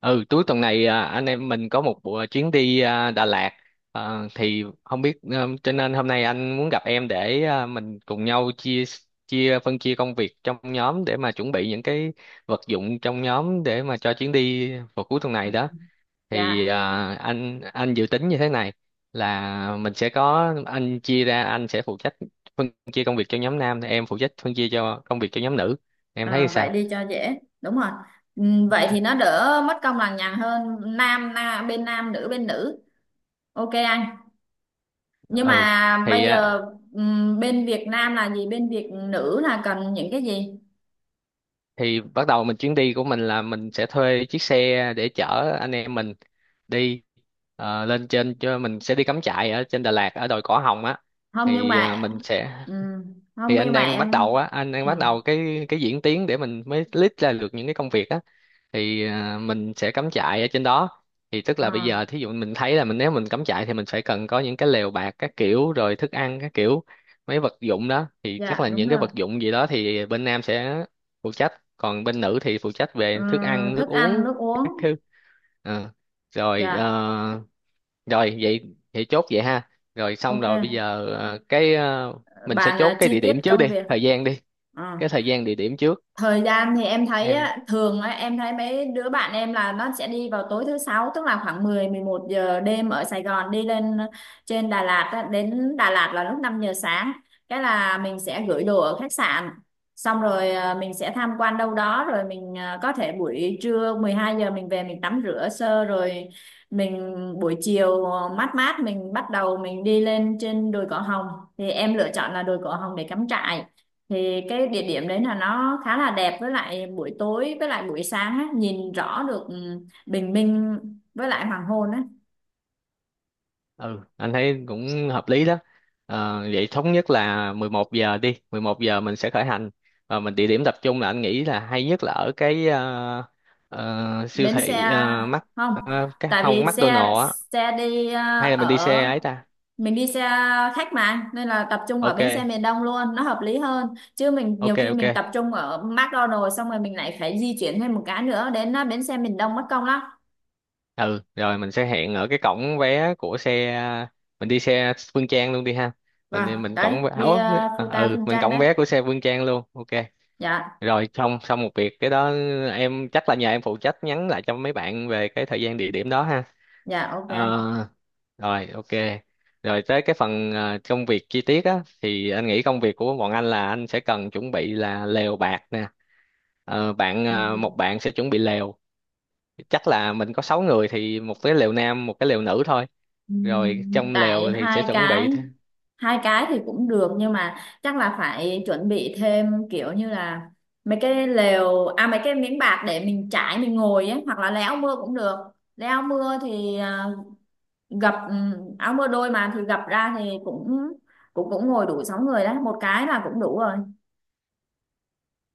Ừ, cuối tuần này anh em mình có một buổi chuyến đi Đà Lạt. Thì không biết, cho nên hôm nay anh muốn gặp em để, mình cùng nhau chia chia phân chia công việc trong nhóm để mà chuẩn bị những cái vật dụng trong nhóm để mà cho chuyến đi vào cuối tuần này đó. Thì Dạ, à, anh dự tính như thế này là mình sẽ có, anh chia ra, anh sẽ phụ trách phân chia công việc cho nhóm nam, em phụ trách phân chia cho công việc cho nhóm nữ. Em thấy ờ, vậy sao? đi cho dễ. Đúng rồi. Vậy thì nó đỡ mất công lằng nhằng hơn, nam, na bên nam nữ bên nữ. Ok anh. Nhưng Ừ, mà bây thì giờ, bên Việt Nam là gì? Bên Việt nữ là cần những cái gì? thì bắt đầu mình, chuyến đi của mình là mình sẽ thuê chiếc xe để chở anh em mình đi, lên trên, cho mình sẽ đi cắm trại ở trên Đà Lạt ở đồi Cỏ Hồng á. Không nhưng Thì mà, mình sẽ, không thì anh nhưng mà đang bắt em, đầu á, anh đang bắt ừm, đầu cái cái diễn tiến để mình mới list ra được những cái công việc á. Thì mình sẽ cắm trại ở trên đó. Thì tức ờ, là bây giờ, thí dụ mình thấy là mình, nếu mình cắm trại thì mình phải cần có những cái lều bạt các kiểu, rồi thức ăn các kiểu, mấy vật dụng đó, thì chắc dạ là đúng những cái rồi. vật dụng gì đó thì bên nam sẽ phụ trách, còn bên nữ thì phụ trách Ờ, về thức ăn nước Thức ăn, uống nước uống. các thứ. Ờ, rồi, Dạ, rồi vậy vậy, chốt vậy ha, rồi xong rồi. Bây ok. giờ, mình sẽ Bạn, chốt cái chi địa tiết điểm trước đi, công việc. thời gian đi, Ờ. cái thời gian địa điểm trước. Thời gian thì em thấy Em, á, thường á, em thấy mấy đứa bạn em là nó sẽ đi vào tối thứ sáu, tức là khoảng 10-11 giờ đêm ở Sài Gòn đi lên, trên Đà Lạt á, đến Đà Lạt là lúc 5 giờ sáng, cái là mình sẽ gửi đồ ở khách sạn, xong rồi mình sẽ tham quan đâu đó, rồi mình có thể buổi trưa 12 giờ mình về mình tắm rửa sơ, rồi mình buổi chiều mát mát mình bắt đầu mình đi lên trên đồi Cỏ Hồng. Thì em lựa chọn là đồi Cỏ Hồng để cắm trại, thì cái địa điểm đấy là nó khá là đẹp, với lại buổi tối với lại buổi sáng á, nhìn rõ được, bình minh với lại hoàng hôn á. ừ anh thấy cũng hợp lý đó. Ờ, vậy thống nhất là 11 giờ đi, 11 giờ mình sẽ khởi hành. Và mình, địa điểm tập trung là anh nghĩ là hay nhất là ở cái, siêu Bến xe. thị, mắc, Không, cái tại không, vì xe, McDonald's á. Đi, Hay là mình đi xe ở, ấy ta? mình đi xe khách mà nên là tập trung ở bến xe Ok, miền Đông luôn nó hợp lý hơn, chứ mình nhiều ok, khi mình tập ok. trung ở McDonald's xong rồi mình lại phải di chuyển thêm một cái nữa đến, bến xe miền Đông mất công lắm. Ừ, rồi mình sẽ hẹn ở cái cổng vé của xe. Mình đi xe Phương Trang luôn đi ha. Vâng. Mình Đấy, cổng vé, đi ủa, Phu ta ừ, Phương mình Trang cổng đấy. vé của xe Phương Trang luôn. Ok, Dạ. rồi xong xong một việc cái đó. Em, chắc là nhờ em phụ trách nhắn lại cho mấy bạn về cái thời gian địa điểm đó ha. Dạ ok anh. Ờ, rồi ok. Rồi tới cái phần, công việc chi tiết á, thì anh nghĩ công việc của bọn anh là anh sẽ cần chuẩn bị là lều bạt nè. Ờ, bạn, Ừ. Một bạn sẽ chuẩn bị lều. Chắc là mình có 6 người thì một cái lều nam, một cái lều nữ thôi. Rồi trong tại lều thì sẽ hai chuẩn bị, cái, hai cái thì cũng được nhưng mà chắc là phải chuẩn bị thêm kiểu như là mấy cái lều, à, mấy cái miếng bạt để mình trải mình ngồi ấy, hoặc là lấy áo mưa cũng được. Lấy áo mưa thì, gập, áo mưa đôi mà thì gập ra thì cũng, cũng ngồi đủ 6 người đấy, một cái là cũng đủ rồi.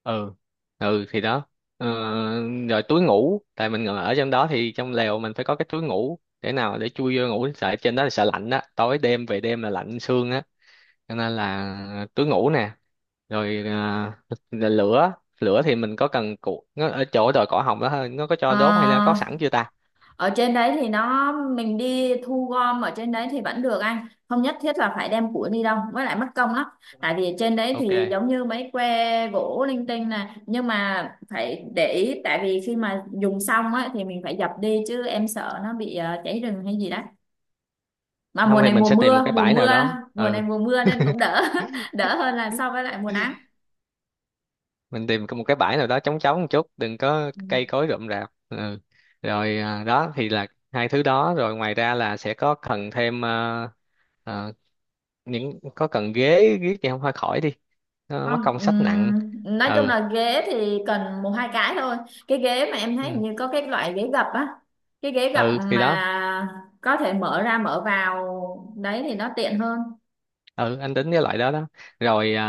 ừ, ừ thì đó. ờ, Rồi túi ngủ, tại mình ngồi ở trong đó thì trong lều mình phải có cái túi ngủ để nào để chui vô ngủ, sợ trên đó là sợ lạnh á, tối đêm về đêm là lạnh xương á, cho nên là túi ngủ nè. Rồi là lửa. Lửa thì mình có cần cụ nó ở chỗ đồi cỏ hồng đó thôi, nó có cho Ờ, đốt hay là có sẵn chưa ta? ở trên đấy thì nó mình đi thu gom ở trên đấy thì vẫn được anh, không nhất thiết là phải đem củi đi đâu, với lại mất công lắm. Tại vì trên đấy thì Ok, giống như mấy que gỗ linh tinh này, nhưng mà phải để ý, tại vì khi mà dùng xong á thì mình phải dập đi, chứ em sợ nó bị, cháy rừng hay gì đó, mà không mùa thì này mình mùa sẽ tìm một mưa, cái bãi nào đó, mùa này ừ, mùa mưa nên cũng đỡ. Đỡ hơn là so với lại mùa nắng. mình tìm có một cái bãi nào đó trống trống một chút, đừng có Ừ. cây cối rậm rạp. Ừ, rồi đó thì là hai thứ đó. Rồi ngoài ra là sẽ có cần thêm, à, những, có cần ghế. Ghế thì không, hơi khỏi đi, nó mắc Không, công sách nặng. Nói chung Ừ, là ghế thì cần 1-2 cái thôi. Cái ghế mà em thấy hình ừ, như có cái loại ghế gập á, cái ghế gập ừ thì đó. mà có thể mở ra mở vào, đấy thì nó tiện hơn. Ừ, anh tính cái loại đó đó. Rồi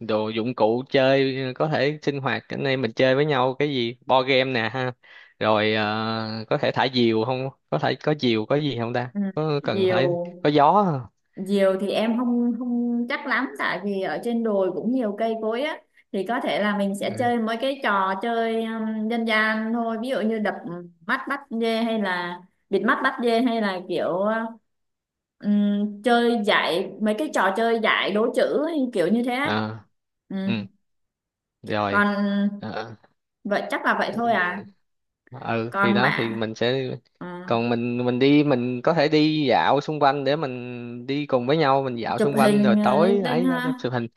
đồ dụng cụ chơi, có thể sinh hoạt anh em mình chơi với nhau cái gì, board game nè ha. Rồi có thể thả diều không, có thể có diều có gì không ta, Ừ, có cần nhiều. phải có gió không? Diều thì em không, không chắc lắm, tại vì ở trên đồi cũng nhiều cây cối á, thì có thể là mình Ừ. sẽ chơi mấy cái trò chơi, dân gian thôi, ví dụ như đập mắt bắt dê hay là bịt mắt bắt dê, hay là kiểu, chơi giải mấy cái trò chơi giải đố chữ hay kiểu như thế á. À, Ừ. ừ. Rồi. Còn, vậy chắc là vậy thôi à. Ờ. Ừ thì Còn đó thì mà, mình sẽ, ừ, còn mình đi mình có thể đi dạo xung quanh để mình đi cùng với nhau, mình dạo chụp xung quanh rồi hình lên tối tinh ấy đó, đó ha. chụp hình.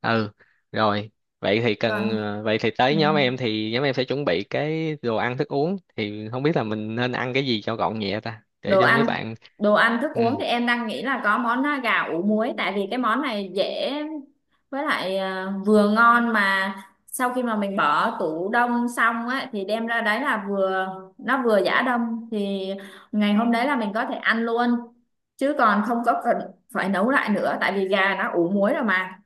Ừ, rồi vậy thì cần, Còn. vậy thì Ừ. tới nhóm em, thì nhóm em sẽ chuẩn bị cái đồ ăn thức uống, thì không biết là mình nên ăn cái gì cho gọn nhẹ ta, để Đồ cho mấy ăn, bạn. Thức Ừ, uống thì em đang nghĩ là có món, gà ủ muối, tại vì cái món này dễ, với lại vừa ngon, mà sau khi mà mình bỏ tủ đông xong á thì đem ra đấy là vừa, nó vừa giã đông thì ngày hôm đấy là mình có thể ăn luôn, chứ còn không có cần phải nấu lại nữa, tại vì gà nó ủ muối rồi mà.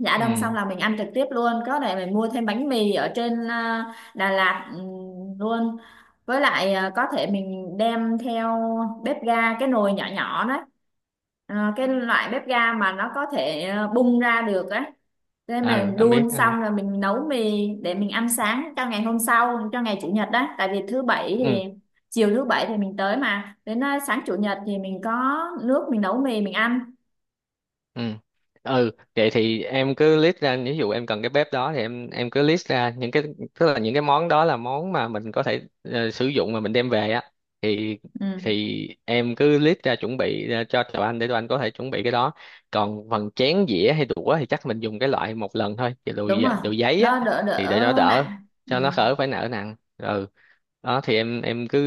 Dạ đông xong ừ, là mình ăn trực tiếp luôn. Có thể mình mua thêm bánh mì ở trên, Đà Lạt, luôn. Với lại có thể mình đem theo bếp ga, cái nồi nhỏ nhỏ đấy. Ờ, cái loại bếp ga mà nó có thể bung ra được á, nên ừ mình anh biết, đun anh biết. xong rồi mình nấu mì để mình ăn sáng cho ngày hôm sau, cho ngày Chủ nhật đó. Tại vì thứ bảy thì, Ừ, chiều thứ bảy thì mình tới mà, đến, sáng Chủ nhật thì mình có nước mình nấu mì mình ăn. ừ, ừ vậy thì em cứ list ra, ví dụ em cần cái bếp đó thì em cứ list ra những cái, tức là những cái món đó là món mà mình có thể, sử dụng mà mình đem về á, thì Ừ. thì em cứ list ra chuẩn bị ra cho tụi anh để tụi anh có thể chuẩn bị cái đó. Còn phần chén dĩa hay đũa thì chắc mình dùng cái loại một lần thôi, cái Đúng rồi, đồ giấy á, nó đỡ thì để đỡ nó đỡ, nặng. Ừ. cho nó khỏi phải nợ nặng. Ừ, đó thì em cứ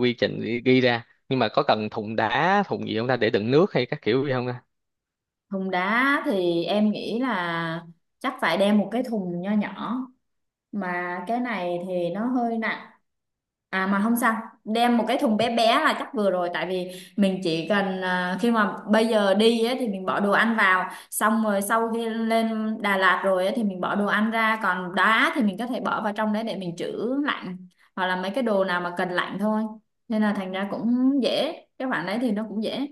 quy trình ghi ghi ra. Nhưng mà có cần thùng đá, thùng gì không ta, để đựng nước hay các kiểu gì không ta? Thùng đá thì em nghĩ là chắc phải đem một cái thùng nho nhỏ, mà cái này thì nó hơi nặng. À, mà không sao, đem một cái thùng bé bé là chắc vừa rồi, tại vì mình chỉ cần, khi mà bây giờ đi á, thì mình bỏ đồ ăn vào, xong rồi sau khi lên Đà Lạt rồi á, thì mình bỏ đồ ăn ra, còn đá thì mình có thể bỏ vào trong đấy để mình trữ lạnh, hoặc là mấy cái đồ nào mà cần lạnh thôi, nên là thành ra cũng dễ, cái khoản đấy thì nó cũng dễ.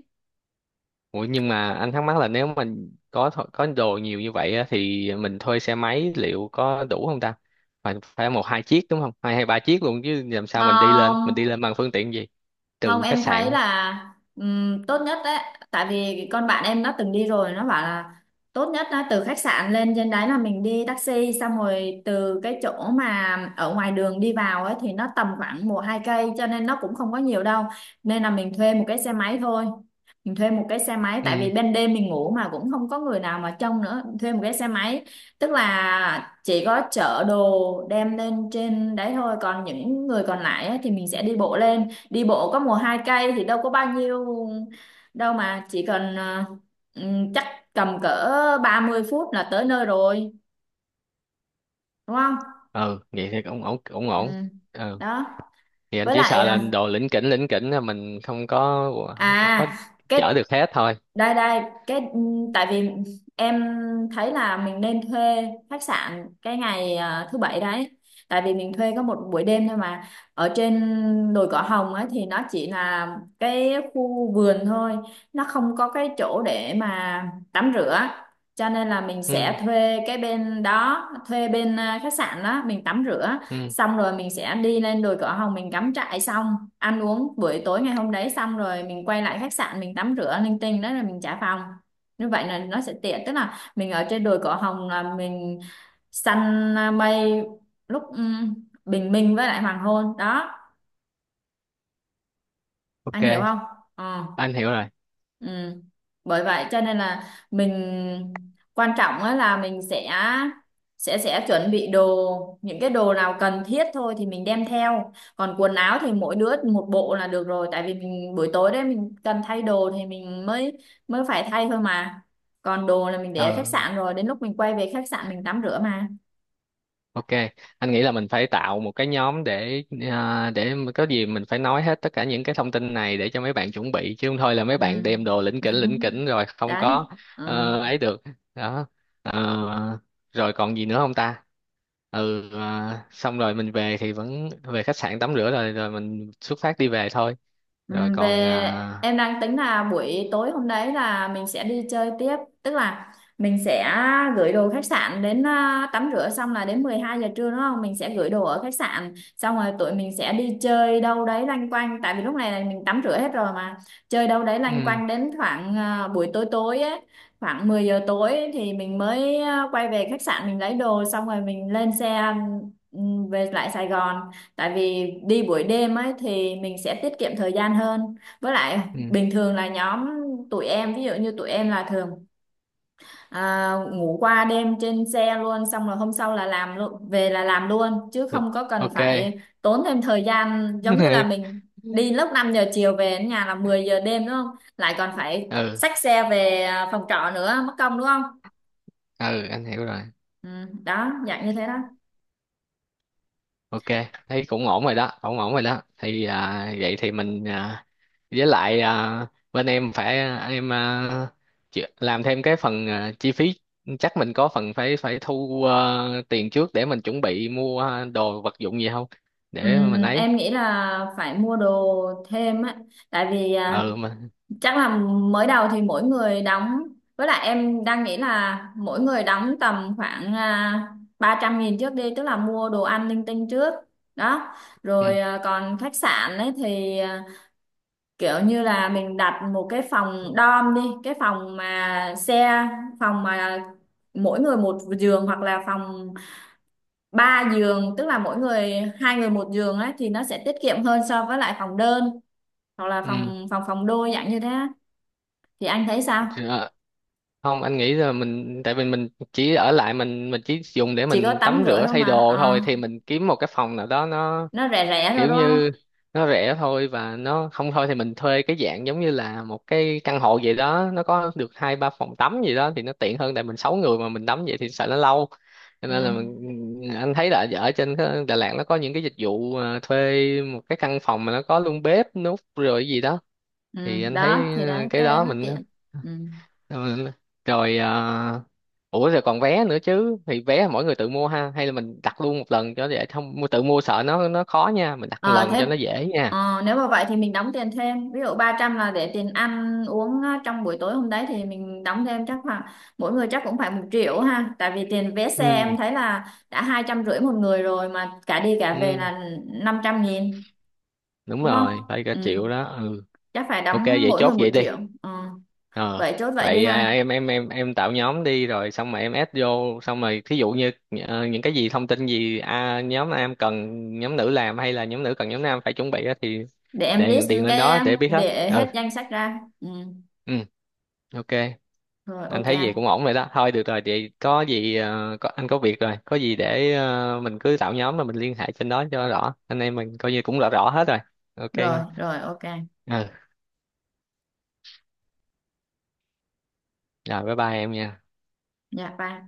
Ủa nhưng mà anh thắc mắc là nếu mình có có đồ nhiều như vậy á, thì mình thuê xe máy liệu có đủ không ta? Phải phải một hai chiếc đúng không? Hai hay ba chiếc luôn chứ, làm sao mình đi lên? Mình đi Không, lên bằng phương tiện gì? không, Từ khách em thấy sạn. là, tốt nhất đấy, tại vì con bạn em nó từng đi rồi, nó bảo là tốt nhất là từ khách sạn lên trên đấy là mình đi taxi, xong rồi từ cái chỗ mà ở ngoài đường đi vào ấy thì nó tầm khoảng 1-2 cây cho nên nó cũng không có nhiều đâu, nên là mình thuê một cái xe máy thôi. Mình thuê một cái xe máy tại vì Ừ. ban đêm mình ngủ mà cũng không có người nào mà trông nữa, thuê một cái xe máy tức là chỉ có chở đồ đem lên trên đấy thôi, còn những người còn lại ấy thì mình sẽ đi bộ lên. Đi bộ có mùa hai cây thì đâu có bao nhiêu đâu mà, chỉ cần, chắc tầm cỡ 30 phút là tới nơi rồi, đúng không. Ừ, vậy thì cũng ổn, ổn Ừ. ổn. Ừ. Đó. Thì anh Với chỉ lại, sợ ờ, là đồ lỉnh kỉnh là mình không có, không có à chở cái được hết thôi. đây đây cái, ừ, tại vì em thấy là mình nên thuê khách sạn cái ngày, thứ bảy đấy, tại vì mình thuê có một buổi đêm thôi mà. Ở trên đồi Cỏ Hồng ấy thì nó chỉ là cái khu vườn thôi, nó không có cái chỗ để mà tắm rửa, cho nên là mình Ừ. sẽ thuê cái bên đó, thuê bên, khách sạn đó mình tắm rửa Ừ. xong rồi mình sẽ đi lên đồi Cỏ Hồng mình cắm trại xong ăn uống buổi tối ngày hôm đấy, xong rồi mình quay lại khách sạn mình tắm rửa linh tinh đó là mình trả phòng. Như vậy là nó sẽ tiện, tức là mình ở trên đồi Cỏ Hồng là mình săn mây lúc, bình minh với lại hoàng hôn đó, Ok, anh hiểu không. Ừ. anh hiểu rồi. Ừ. Bởi vậy cho nên là mình, quan trọng á là mình sẽ, chuẩn bị đồ những cái đồ nào cần thiết thôi thì mình đem theo, còn quần áo thì mỗi đứa một bộ là được rồi, tại vì mình buổi tối đấy mình cần thay đồ thì mình mới, phải thay thôi mà, còn đồ là mình để ở khách Ừ. sạn rồi đến lúc mình quay về khách sạn mình tắm rửa mà. Ok, anh nghĩ là mình phải tạo một cái nhóm để, để mà có gì mình phải nói hết tất cả những cái thông tin này để cho mấy bạn chuẩn bị, chứ không thôi là mấy bạn Ừ. đem đồ lỉnh kỉnh rồi không Đấy. có. Ừ. Ấy được. Đó. Ờ, rồi còn gì nữa không ta? Ừ xong rồi mình về thì vẫn về khách sạn tắm rửa, rồi rồi mình xuất phát đi về thôi. Ừ, Rồi về. còn Em đang tính là buổi tối hôm đấy là mình sẽ đi chơi tiếp, tức là mình sẽ gửi đồ khách sạn đến, tắm rửa xong là đến 12 giờ trưa đúng không, mình sẽ gửi đồ ở khách sạn xong rồi tụi mình sẽ đi chơi đâu đấy loanh quanh, tại vì lúc này là mình tắm rửa hết rồi mà, chơi đâu đấy loanh ừ, quanh đến khoảng, buổi tối tối ấy, khoảng 10 giờ tối ấy, thì mình mới, quay về khách sạn mình lấy đồ xong rồi mình lên xe, ừ, về lại Sài Gòn. Tại vì đi buổi đêm ấy thì mình sẽ tiết kiệm thời gian hơn. Với lại ừ, bình thường là nhóm tụi em, ví dụ như tụi em là thường, ngủ qua đêm trên xe luôn, xong rồi hôm sau là làm luôn, về là làm luôn, chứ ừ, không có cần ok. phải tốn thêm thời gian giống như là mình đi lúc 5 giờ chiều về đến nhà là 10 giờ đêm đúng không? Lại còn phải Ừ, xách xe về, phòng trọ nữa, mất công đúng không? ừ anh hiểu rồi. Ừ, đó, dạng như thế đó. Ok, thấy cũng ổn rồi đó, ổn ổn rồi đó. Thì vậy thì mình, với lại, bên em phải, em à, làm thêm cái phần, chi phí. Chắc mình có phần phải, phải thu, tiền trước để mình chuẩn bị mua, đồ vật dụng gì không, Ừ, để mình ấy. em nghĩ là phải mua đồ thêm á, tại vì, Ừ mà, chắc là mới đầu thì mỗi người đóng, với lại em đang nghĩ là mỗi người đóng tầm khoảng, 300 nghìn trước đi, tức là mua đồ ăn linh tinh trước đó, ừ, rồi, còn khách sạn ấy thì, kiểu như là mình đặt một cái phòng dorm đi, cái phòng mà xe, phòng mà mỗi người một giường, hoặc là phòng 3 giường tức là mỗi người, hai người một giường ấy, thì nó sẽ tiết kiệm hơn so với lại phòng đơn, hoặc là ừ. phòng, phòng đôi dạng như thế á, thì anh thấy sao? Ờ, không anh nghĩ là mình, tại vì mình chỉ ở lại mình chỉ dùng để Chỉ có mình tắm tắm rửa rửa thôi thay mà. đồ Ờ, thôi, thì mình kiếm một cái phòng nào đó nó nó rẻ rẻ thôi kiểu đúng không. như, nó rẻ thôi. Và nó, không thôi thì mình thuê cái dạng giống như là một cái căn hộ vậy đó, nó có được hai ba phòng tắm gì đó thì nó tiện hơn, tại mình sáu người mà mình tắm vậy thì sợ nó lâu. Cho nên là Ừ. mình, anh thấy là ở trên cái Đà Lạt nó có những cái dịch vụ, thuê một cái căn phòng mà nó có luôn bếp nút rồi gì đó, Ừ, thì anh đó thấy thì đấy, cái cái đấy đó nó mình. tiện. Ừ. Rồi, rồi ủa rồi còn vé nữa chứ, thì vé mỗi người tự mua ha, hay là mình đặt luôn một lần cho, để không tự mua sợ nó khó nha, mình đặt một Ờ, lần thế, cho nó dễ nha. Nếu mà vậy thì mình đóng tiền thêm, ví dụ 300 là để tiền ăn uống á, trong buổi tối hôm đấy thì mình đóng thêm chắc khoảng, mỗi người chắc cũng phải 1 triệu ha, tại vì tiền vé xe Ừ, em thấy là đã 250 một người rồi, mà cả đi cả về ừ là 500 nghìn đúng đúng không. rồi, phải cả Ừ. triệu đó. Ừ, Chắc phải ok đóng vậy mỗi chốt người một vậy đi. triệu Ờ, Ờ, vậy chốt vậy đi vậy à, ha. em em em em tạo nhóm đi rồi xong rồi em add vô, xong rồi thí dụ như, những cái gì thông tin gì, nhóm nam cần nhóm nữ làm, hay là nhóm nữ cần nhóm nam phải chuẩn bị á, thì Để em list điền điền lên đó cái, để biết hết. để Ừ, hết danh sách ra. Ừ. ừ ok. Rồi Anh ok thấy gì anh. cũng ổn rồi đó, thôi được rồi. Vậy có gì, có, anh có việc rồi, có gì để, mình cứ tạo nhóm mà mình liên hệ trên đó cho rõ, anh em mình coi như cũng rõ rõ hết rồi. Rồi Ok. rồi ok anh. Ừ. Rồi bye bye em nha. Dạ bye.